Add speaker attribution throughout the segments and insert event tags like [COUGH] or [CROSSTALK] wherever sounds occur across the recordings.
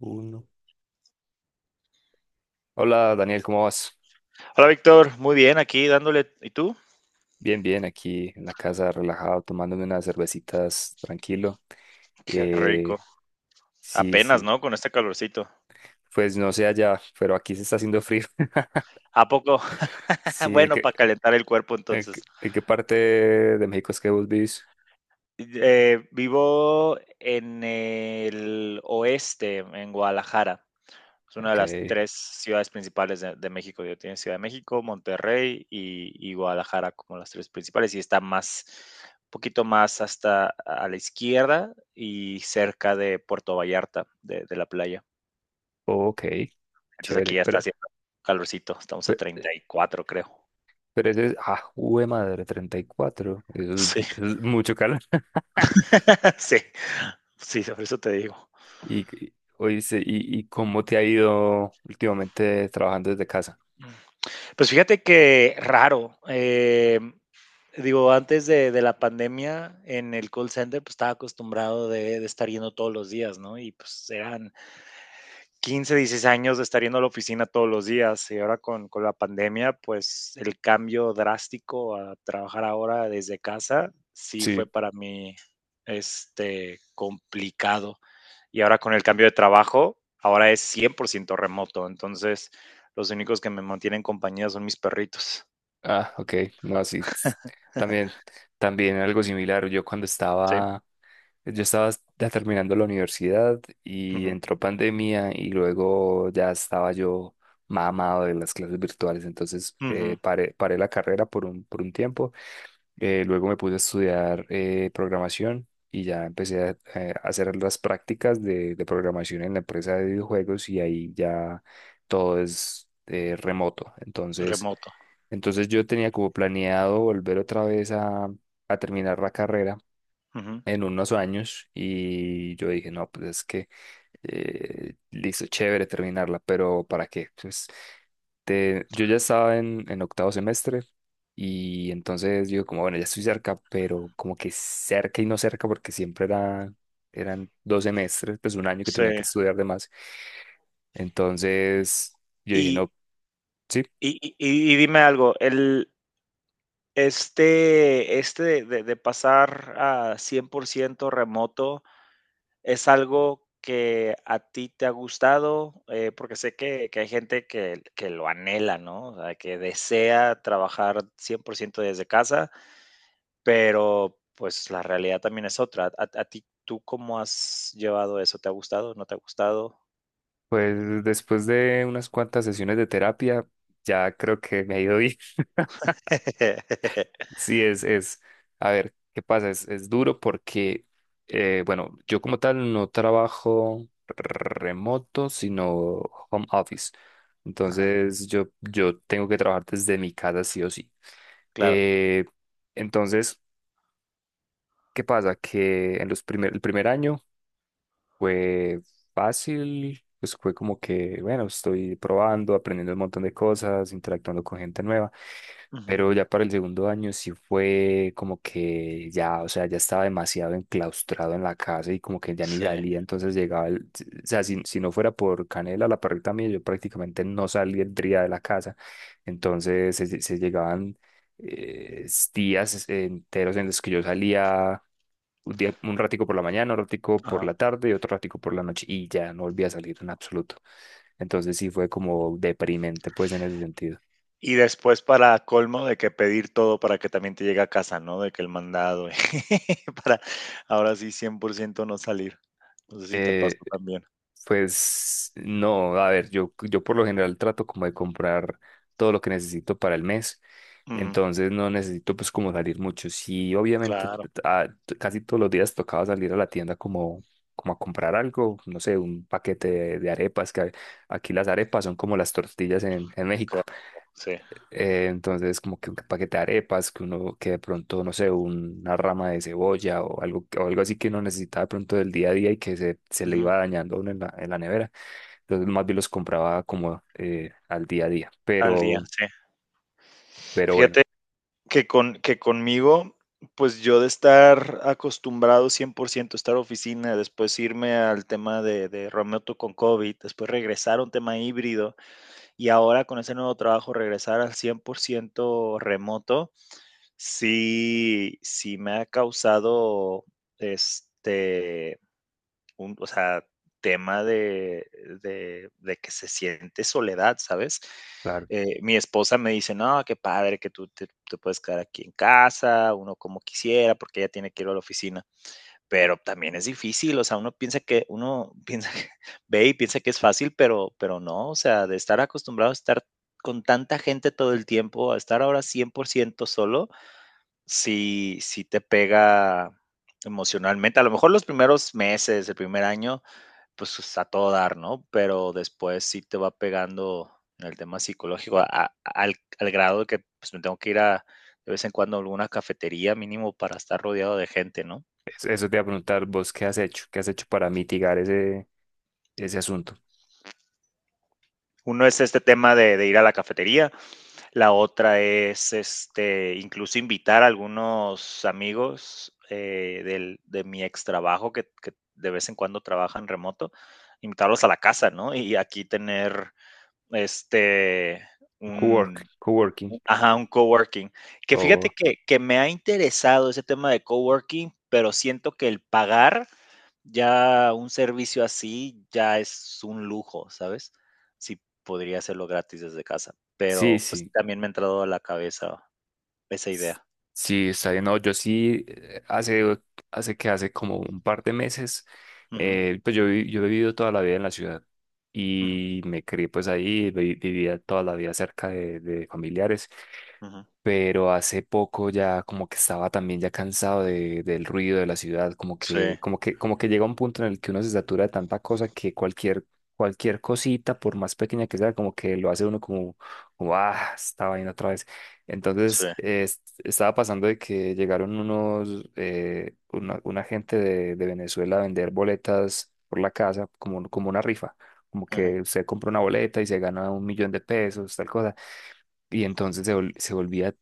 Speaker 1: Uno. Hola Daniel, ¿cómo vas?
Speaker 2: Hola Víctor, muy bien aquí dándole. ¿Y tú?
Speaker 1: Bien, bien, aquí en la casa, relajado, tomándome unas cervecitas, tranquilo.
Speaker 2: Qué
Speaker 1: Eh,
Speaker 2: rico.
Speaker 1: sí,
Speaker 2: Apenas,
Speaker 1: sí,
Speaker 2: ¿no? Con este calorcito.
Speaker 1: pues no sé allá, pero aquí se está haciendo frío. [LAUGHS]
Speaker 2: ¿A poco? [LAUGHS]
Speaker 1: Sí, ¿en
Speaker 2: Bueno, para
Speaker 1: qué,
Speaker 2: calentar el cuerpo
Speaker 1: en
Speaker 2: entonces.
Speaker 1: qué- en qué parte de México es que vos vivís?
Speaker 2: Vivo en el oeste, en Guadalajara. Es una de
Speaker 1: Ok,
Speaker 2: las tres ciudades principales de México. Yo tengo Ciudad de México, Monterrey y Guadalajara como las tres principales. Y está más, un poquito más hasta a la izquierda y cerca de Puerto Vallarta, de la playa.
Speaker 1: ok,
Speaker 2: Entonces aquí
Speaker 1: chévere,
Speaker 2: ya está haciendo calorcito, estamos a
Speaker 1: pe-
Speaker 2: 34 creo.
Speaker 1: pero, eso es, ah, jue madre, 34, eso es,
Speaker 2: Sí,
Speaker 1: eso es mucho calor.
Speaker 2: [LAUGHS] sí, sí, sobre eso te digo.
Speaker 1: Y, y, oíste, ¿y cómo te ha ido últimamente trabajando desde casa?
Speaker 2: Pues fíjate que raro. Digo, antes de la pandemia en el call center, pues estaba acostumbrado de estar yendo todos los días, ¿no? Y pues eran 15, 16 años de estar yendo a la oficina todos los días. Y ahora con la pandemia, pues el cambio drástico a trabajar ahora desde casa, sí fue para mí, complicado. Y ahora con el cambio de trabajo, ahora es 100% remoto. Entonces, los únicos que me mantienen compañía son mis perritos.
Speaker 1: Ah, ok, no, también, también algo similar. Yo cuando
Speaker 2: Sí.
Speaker 1: estaba, yo estaba ya terminando la universidad y
Speaker 2: Ujú,
Speaker 1: entró pandemia y luego ya estaba yo mamado de las clases virtuales. Entonces
Speaker 2: ujú,
Speaker 1: paré la carrera por un tiempo luego me puse a estudiar programación y ya empecé a hacer las prácticas de programación en la empresa de videojuegos y ahí ya todo es remoto. Entonces,
Speaker 2: remoto.
Speaker 1: entonces yo tenía como planeado volver otra vez a terminar la carrera
Speaker 2: Ujú,
Speaker 1: en unos años y yo dije, no, pues es que listo, chévere terminarla, pero ¿para qué? Pues, yo ya estaba en octavo semestre y entonces digo como, bueno, ya estoy cerca, pero como que cerca y no cerca porque siempre eran 2 semestres, pues un año que
Speaker 2: sí.
Speaker 1: tenía que estudiar de más. Entonces yo dije,
Speaker 2: Y,
Speaker 1: no, sí,
Speaker 2: y- y- y dime algo, este de pasar a 100% remoto es algo que a ti te ha gustado, porque sé que hay gente que lo anhela, ¿no? O sea, que desea trabajar 100% desde casa. Pero, pues, la realidad también es otra. ¿A ti tú cómo has llevado eso? ¿Te ha gustado? ¿No te ha gustado?
Speaker 1: pues después de unas cuantas sesiones de terapia, ya creo que me ha ido bien.
Speaker 2: [LAUGHS]
Speaker 1: Sí, a ver, ¿qué pasa? Es duro porque, bueno, yo como tal no trabajo remoto, sino home office.
Speaker 2: Ajá,
Speaker 1: Entonces, yo tengo que trabajar desde mi casa sí o sí.
Speaker 2: claro.
Speaker 1: Eh, entonces, ¿qué pasa? Que en el primer año fue fácil, pues fue como que, bueno, estoy probando, aprendiendo un montón de cosas, interactuando con gente nueva.
Speaker 2: Ujú.
Speaker 1: Pero ya para el segundo año sí fue como que ya, o sea, ya estaba demasiado enclaustrado en la casa y como que ya ni
Speaker 2: Sí,
Speaker 1: salía, entonces llegaba, o sea, si no fuera por Canela, la perrita mía, yo prácticamente no saldría de la casa, entonces se llegaban eh, días enteros en los que yo salía un día, un ratico por la mañana, un ratico por
Speaker 2: ajá.
Speaker 1: la tarde y otro ratico por la noche y ya no volvía a salir en absoluto, entonces sí fue como deprimente pues en ese sentido.
Speaker 2: Y después para colmo de que pedir todo para que también te llegue a casa, ¿no? De que el mandado [LAUGHS] para ahora sí 100% no salir. No sé si te pasó también.
Speaker 1: Pues no, a ver, yo por lo general trato como de comprar todo lo que necesito para el mes,
Speaker 2: Ujú,
Speaker 1: entonces no necesito pues como salir mucho. Sí, obviamente
Speaker 2: claro,
Speaker 1: casi todos los días tocaba salir a la tienda como, como a comprar algo, no sé, un paquete de arepas, aquí las arepas son como las tortillas en México.
Speaker 2: claro, sí.
Speaker 1: Entonces, como que un paquete de arepas, que uno, que de pronto, no sé, una rama de cebolla o algo así que uno necesitaba de pronto del día a día y que se le
Speaker 2: Ujú,
Speaker 1: iba dañando a uno en la nevera. Entonces, más bien los compraba como al día a día.
Speaker 2: al día,
Speaker 1: Pero,
Speaker 2: sí.
Speaker 1: pero bueno,
Speaker 2: Fíjate que conmigo, pues yo de estar acostumbrado 100% a estar oficina, después irme al tema de remoto con COVID, después regresar a un tema híbrido y ahora con ese nuevo trabajo regresar al 100% remoto, sí, sí me ha causado este un, o sea, tema de que se siente soledad, ¿sabes?
Speaker 1: claro.
Speaker 2: Mi esposa me dice, no, qué padre que tú te puedes quedar aquí en casa, uno como quisiera, porque ella tiene que ir a la oficina, pero también es difícil, o sea, uno piensa que, uno [LAUGHS] piensa que, ve y piensa que es fácil, pero no, o sea, de estar acostumbrado a estar con tanta gente todo el tiempo, a estar ahora 100% solo, sí, sí te pega emocionalmente, a lo mejor los primeros meses, el primer año, pues, a todo dar, ¿no? Pero después sí te va pegando en el tema psicológico al grado de que, pues, me tengo que ir a de vez en cuando a alguna cafetería mínimo para estar rodeado de gente, ¿no?
Speaker 1: Eso te iba a preguntar, vos, ¿qué has hecho? ¿Qué has hecho para mitigar ese asunto?
Speaker 2: Uno es este tema de ir a la cafetería, la otra es, incluso invitar a algunos amigos, del de mi extrabajo que de vez en cuando trabajan remoto, invitarlos a la casa, ¿no? Y aquí tener, este, un.
Speaker 1: Coworking.
Speaker 2: Ajá, un coworking. Que
Speaker 1: O,
Speaker 2: fíjate que me ha interesado ese tema de coworking, pero siento que el pagar ya un servicio así ya es un lujo, ¿sabes? Sí, podría hacerlo gratis desde casa,
Speaker 1: sí,
Speaker 2: pero, pues, sí
Speaker 1: sí.
Speaker 2: también me ha entrado a la cabeza esa idea.
Speaker 1: Sí, está bien. No, yo sí, hace como un par de meses,
Speaker 2: Ujú,
Speaker 1: pues yo he vivido toda la vida en la ciudad
Speaker 2: ujú,
Speaker 1: y me crié pues ahí, vivía toda la vida cerca de familiares,
Speaker 2: ujú.
Speaker 1: pero hace poco ya como que estaba también ya cansado de, del ruido de la ciudad,
Speaker 2: Sí,
Speaker 1: como que llega un punto en el que uno se satura de tanta cosa que cualquier cosita, por más pequeña que sea, como que lo hace uno como ah, esta vaina otra vez.
Speaker 2: sí,
Speaker 1: Entonces, estaba pasando de que llegaron una gente de Venezuela a vender boletas por la casa, como una rifa. Como
Speaker 2: ujú.
Speaker 1: que usted compra una boleta y se gana 1 millón de pesos, tal cosa. Y entonces se volvía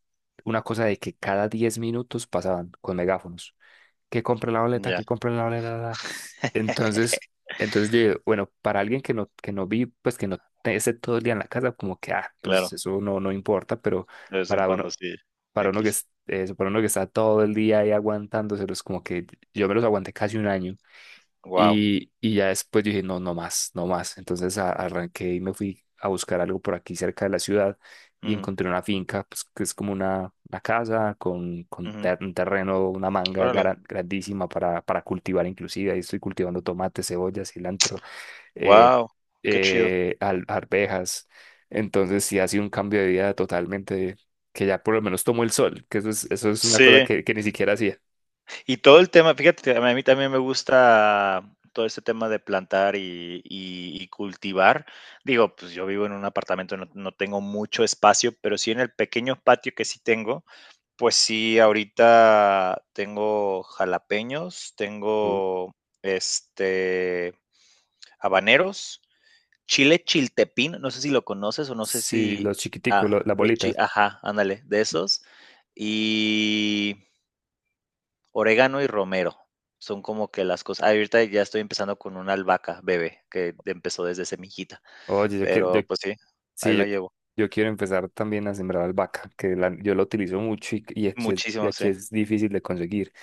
Speaker 1: una cosa de que cada 10 minutos pasaban con megáfonos. Que compre la boleta,
Speaker 2: Ya,
Speaker 1: que compre la boleta. La". Entonces, yo, digo, bueno, para alguien que no vi, pues que no te- esté todo el día en la casa, como que, ah, pues
Speaker 2: claro,
Speaker 1: eso no, no importa, pero
Speaker 2: de vez en
Speaker 1: para
Speaker 2: cuando
Speaker 1: uno,
Speaker 2: sí, X.
Speaker 1: para uno que está todo el día ahí aguantándoselos, como que yo me los aguanté casi un año.
Speaker 2: Wow.
Speaker 1: Y ya después dije, no, no más, no más. Entonces arranqué y me fui a buscar algo por aquí cerca de la ciudad y
Speaker 2: Ujú,
Speaker 1: encontré una finca, pues, que es como una casa con,
Speaker 2: ujú.
Speaker 1: un terreno, una manga
Speaker 2: Órale,
Speaker 1: grandísima para cultivar inclusive. Ahí estoy cultivando tomate, cebolla, cilantro, eh,
Speaker 2: wow, qué chido.
Speaker 1: arvejas. Entonces sí ha sido un cambio de vida totalmente, que ya por lo menos tomo el sol, que eso es una cosa
Speaker 2: Sí.
Speaker 1: que ni siquiera hacía.
Speaker 2: Y todo el tema, fíjate, a mí también me gusta todo este tema de plantar y cultivar. Digo, pues yo vivo en un apartamento, no, no tengo mucho espacio, pero sí en el pequeño patio que sí tengo, pues sí, ahorita tengo jalapeños,
Speaker 1: Uh,
Speaker 2: tengo este habaneros, chile chiltepín, no sé si lo conoces o no sé
Speaker 1: Sí,
Speaker 2: si,
Speaker 1: los chiquiticos,
Speaker 2: ah,
Speaker 1: las
Speaker 2: los chi,
Speaker 1: bolitas.
Speaker 2: ajá, ándale, de esos. Y orégano y romero, son como que las cosas. Ahorita ya estoy empezando con una albahaca bebé, que empezó desde semillita,
Speaker 1: Oye, yo quiero,
Speaker 2: pero pues sí, ahí
Speaker 1: Sí, yo,
Speaker 2: la llevo.
Speaker 1: yo quiero empezar también a sembrar albahaca, que yo la utilizo mucho, y
Speaker 2: Muchísimo, sí.
Speaker 1: aquí es difícil de conseguir.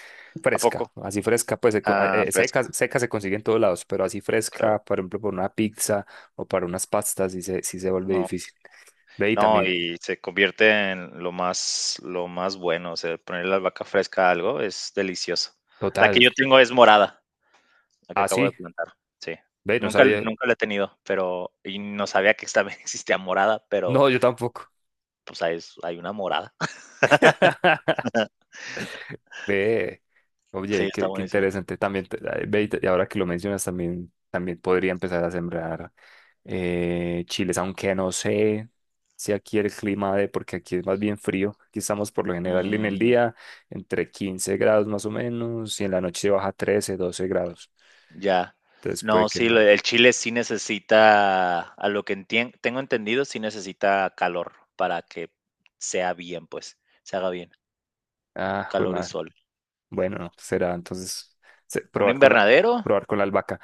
Speaker 2: ¿A
Speaker 1: Fresca,
Speaker 2: poco?
Speaker 1: así fresca, pues
Speaker 2: Ah,
Speaker 1: seca,
Speaker 2: fresca,
Speaker 1: seca se consigue en todos lados, pero así
Speaker 2: claro.
Speaker 1: fresca, por ejemplo, para una pizza o para unas pastas, sí se vuelve
Speaker 2: No,
Speaker 1: difícil. Ve y
Speaker 2: no,
Speaker 1: también,
Speaker 2: y se convierte en lo más bueno, o sea, poner la albahaca fresca a algo es delicioso. La
Speaker 1: total.
Speaker 2: que yo tengo es morada, la que
Speaker 1: Ah,
Speaker 2: acabo de
Speaker 1: sí,
Speaker 2: plantar, sí.
Speaker 1: ve, no
Speaker 2: Nunca
Speaker 1: sabía.
Speaker 2: nunca la he tenido, pero y no sabía que también [LAUGHS] existía morada, pero,
Speaker 1: No, yo tampoco.
Speaker 2: pues, hay una morada. [LAUGHS]
Speaker 1: [LAUGHS] Ve,
Speaker 2: Sí,
Speaker 1: oye,
Speaker 2: está
Speaker 1: qué
Speaker 2: buenísimo.
Speaker 1: interesante. Ve, y ahora que lo mencionas, también podría empezar a sembrar chiles, aunque no sé si aquí el clima de, porque aquí es más bien frío, aquí estamos por lo general en el
Speaker 2: Mm,
Speaker 1: día entre 15 grados más o menos y en la noche baja 13, 12 grados.
Speaker 2: ya.
Speaker 1: Entonces puede
Speaker 2: No,
Speaker 1: que
Speaker 2: sí,
Speaker 1: no.
Speaker 2: lo el chile sí necesita, a lo que entien tengo entendido, sí necesita calor para que sea bien, pues, se haga bien,
Speaker 1: Ah, jue
Speaker 2: calor y
Speaker 1: madre.
Speaker 2: sol.
Speaker 1: Bueno, no, será entonces se-
Speaker 2: ¿Un
Speaker 1: probar con la,
Speaker 2: invernadero?
Speaker 1: probar con la albahaca.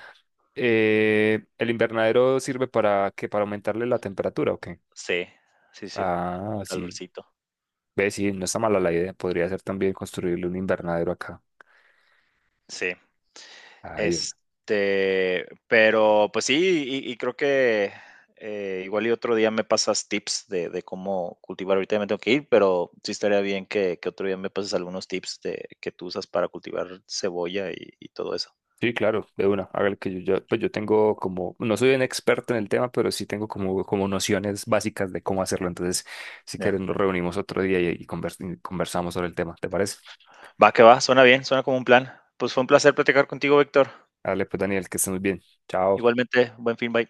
Speaker 1: ¿El invernadero sirve Para aumentarle la temperatura o qué?
Speaker 2: Sí, sí, sí,
Speaker 1: Ah, sí.
Speaker 2: calorcito,
Speaker 1: Ve, sí, no está mala la idea. Podría ser también construirle un invernadero acá.
Speaker 2: sí.
Speaker 1: Ay,
Speaker 2: Este, pero pues sí, y creo que, igual y otro día me pasas tips de cómo cultivar. Ahorita ya me tengo que ir, pero sí estaría bien que otro día me pases algunos tips de que tú usas para cultivar cebolla y todo eso.
Speaker 1: sí, claro, de una. Hágale que yo ya, pues yo tengo como, no soy un experto en el tema, pero sí tengo como, como nociones básicas de cómo hacerlo. Entonces, si quieres,
Speaker 2: Ya.
Speaker 1: nos reunimos otro día y conversamos sobre el tema. ¿Te parece?
Speaker 2: Va que va, suena bien, suena como un plan. Pues fue un placer platicar contigo, Víctor.
Speaker 1: Dale, pues, Daniel, que estés muy bien. Chao.
Speaker 2: Igualmente, buen fin, bye.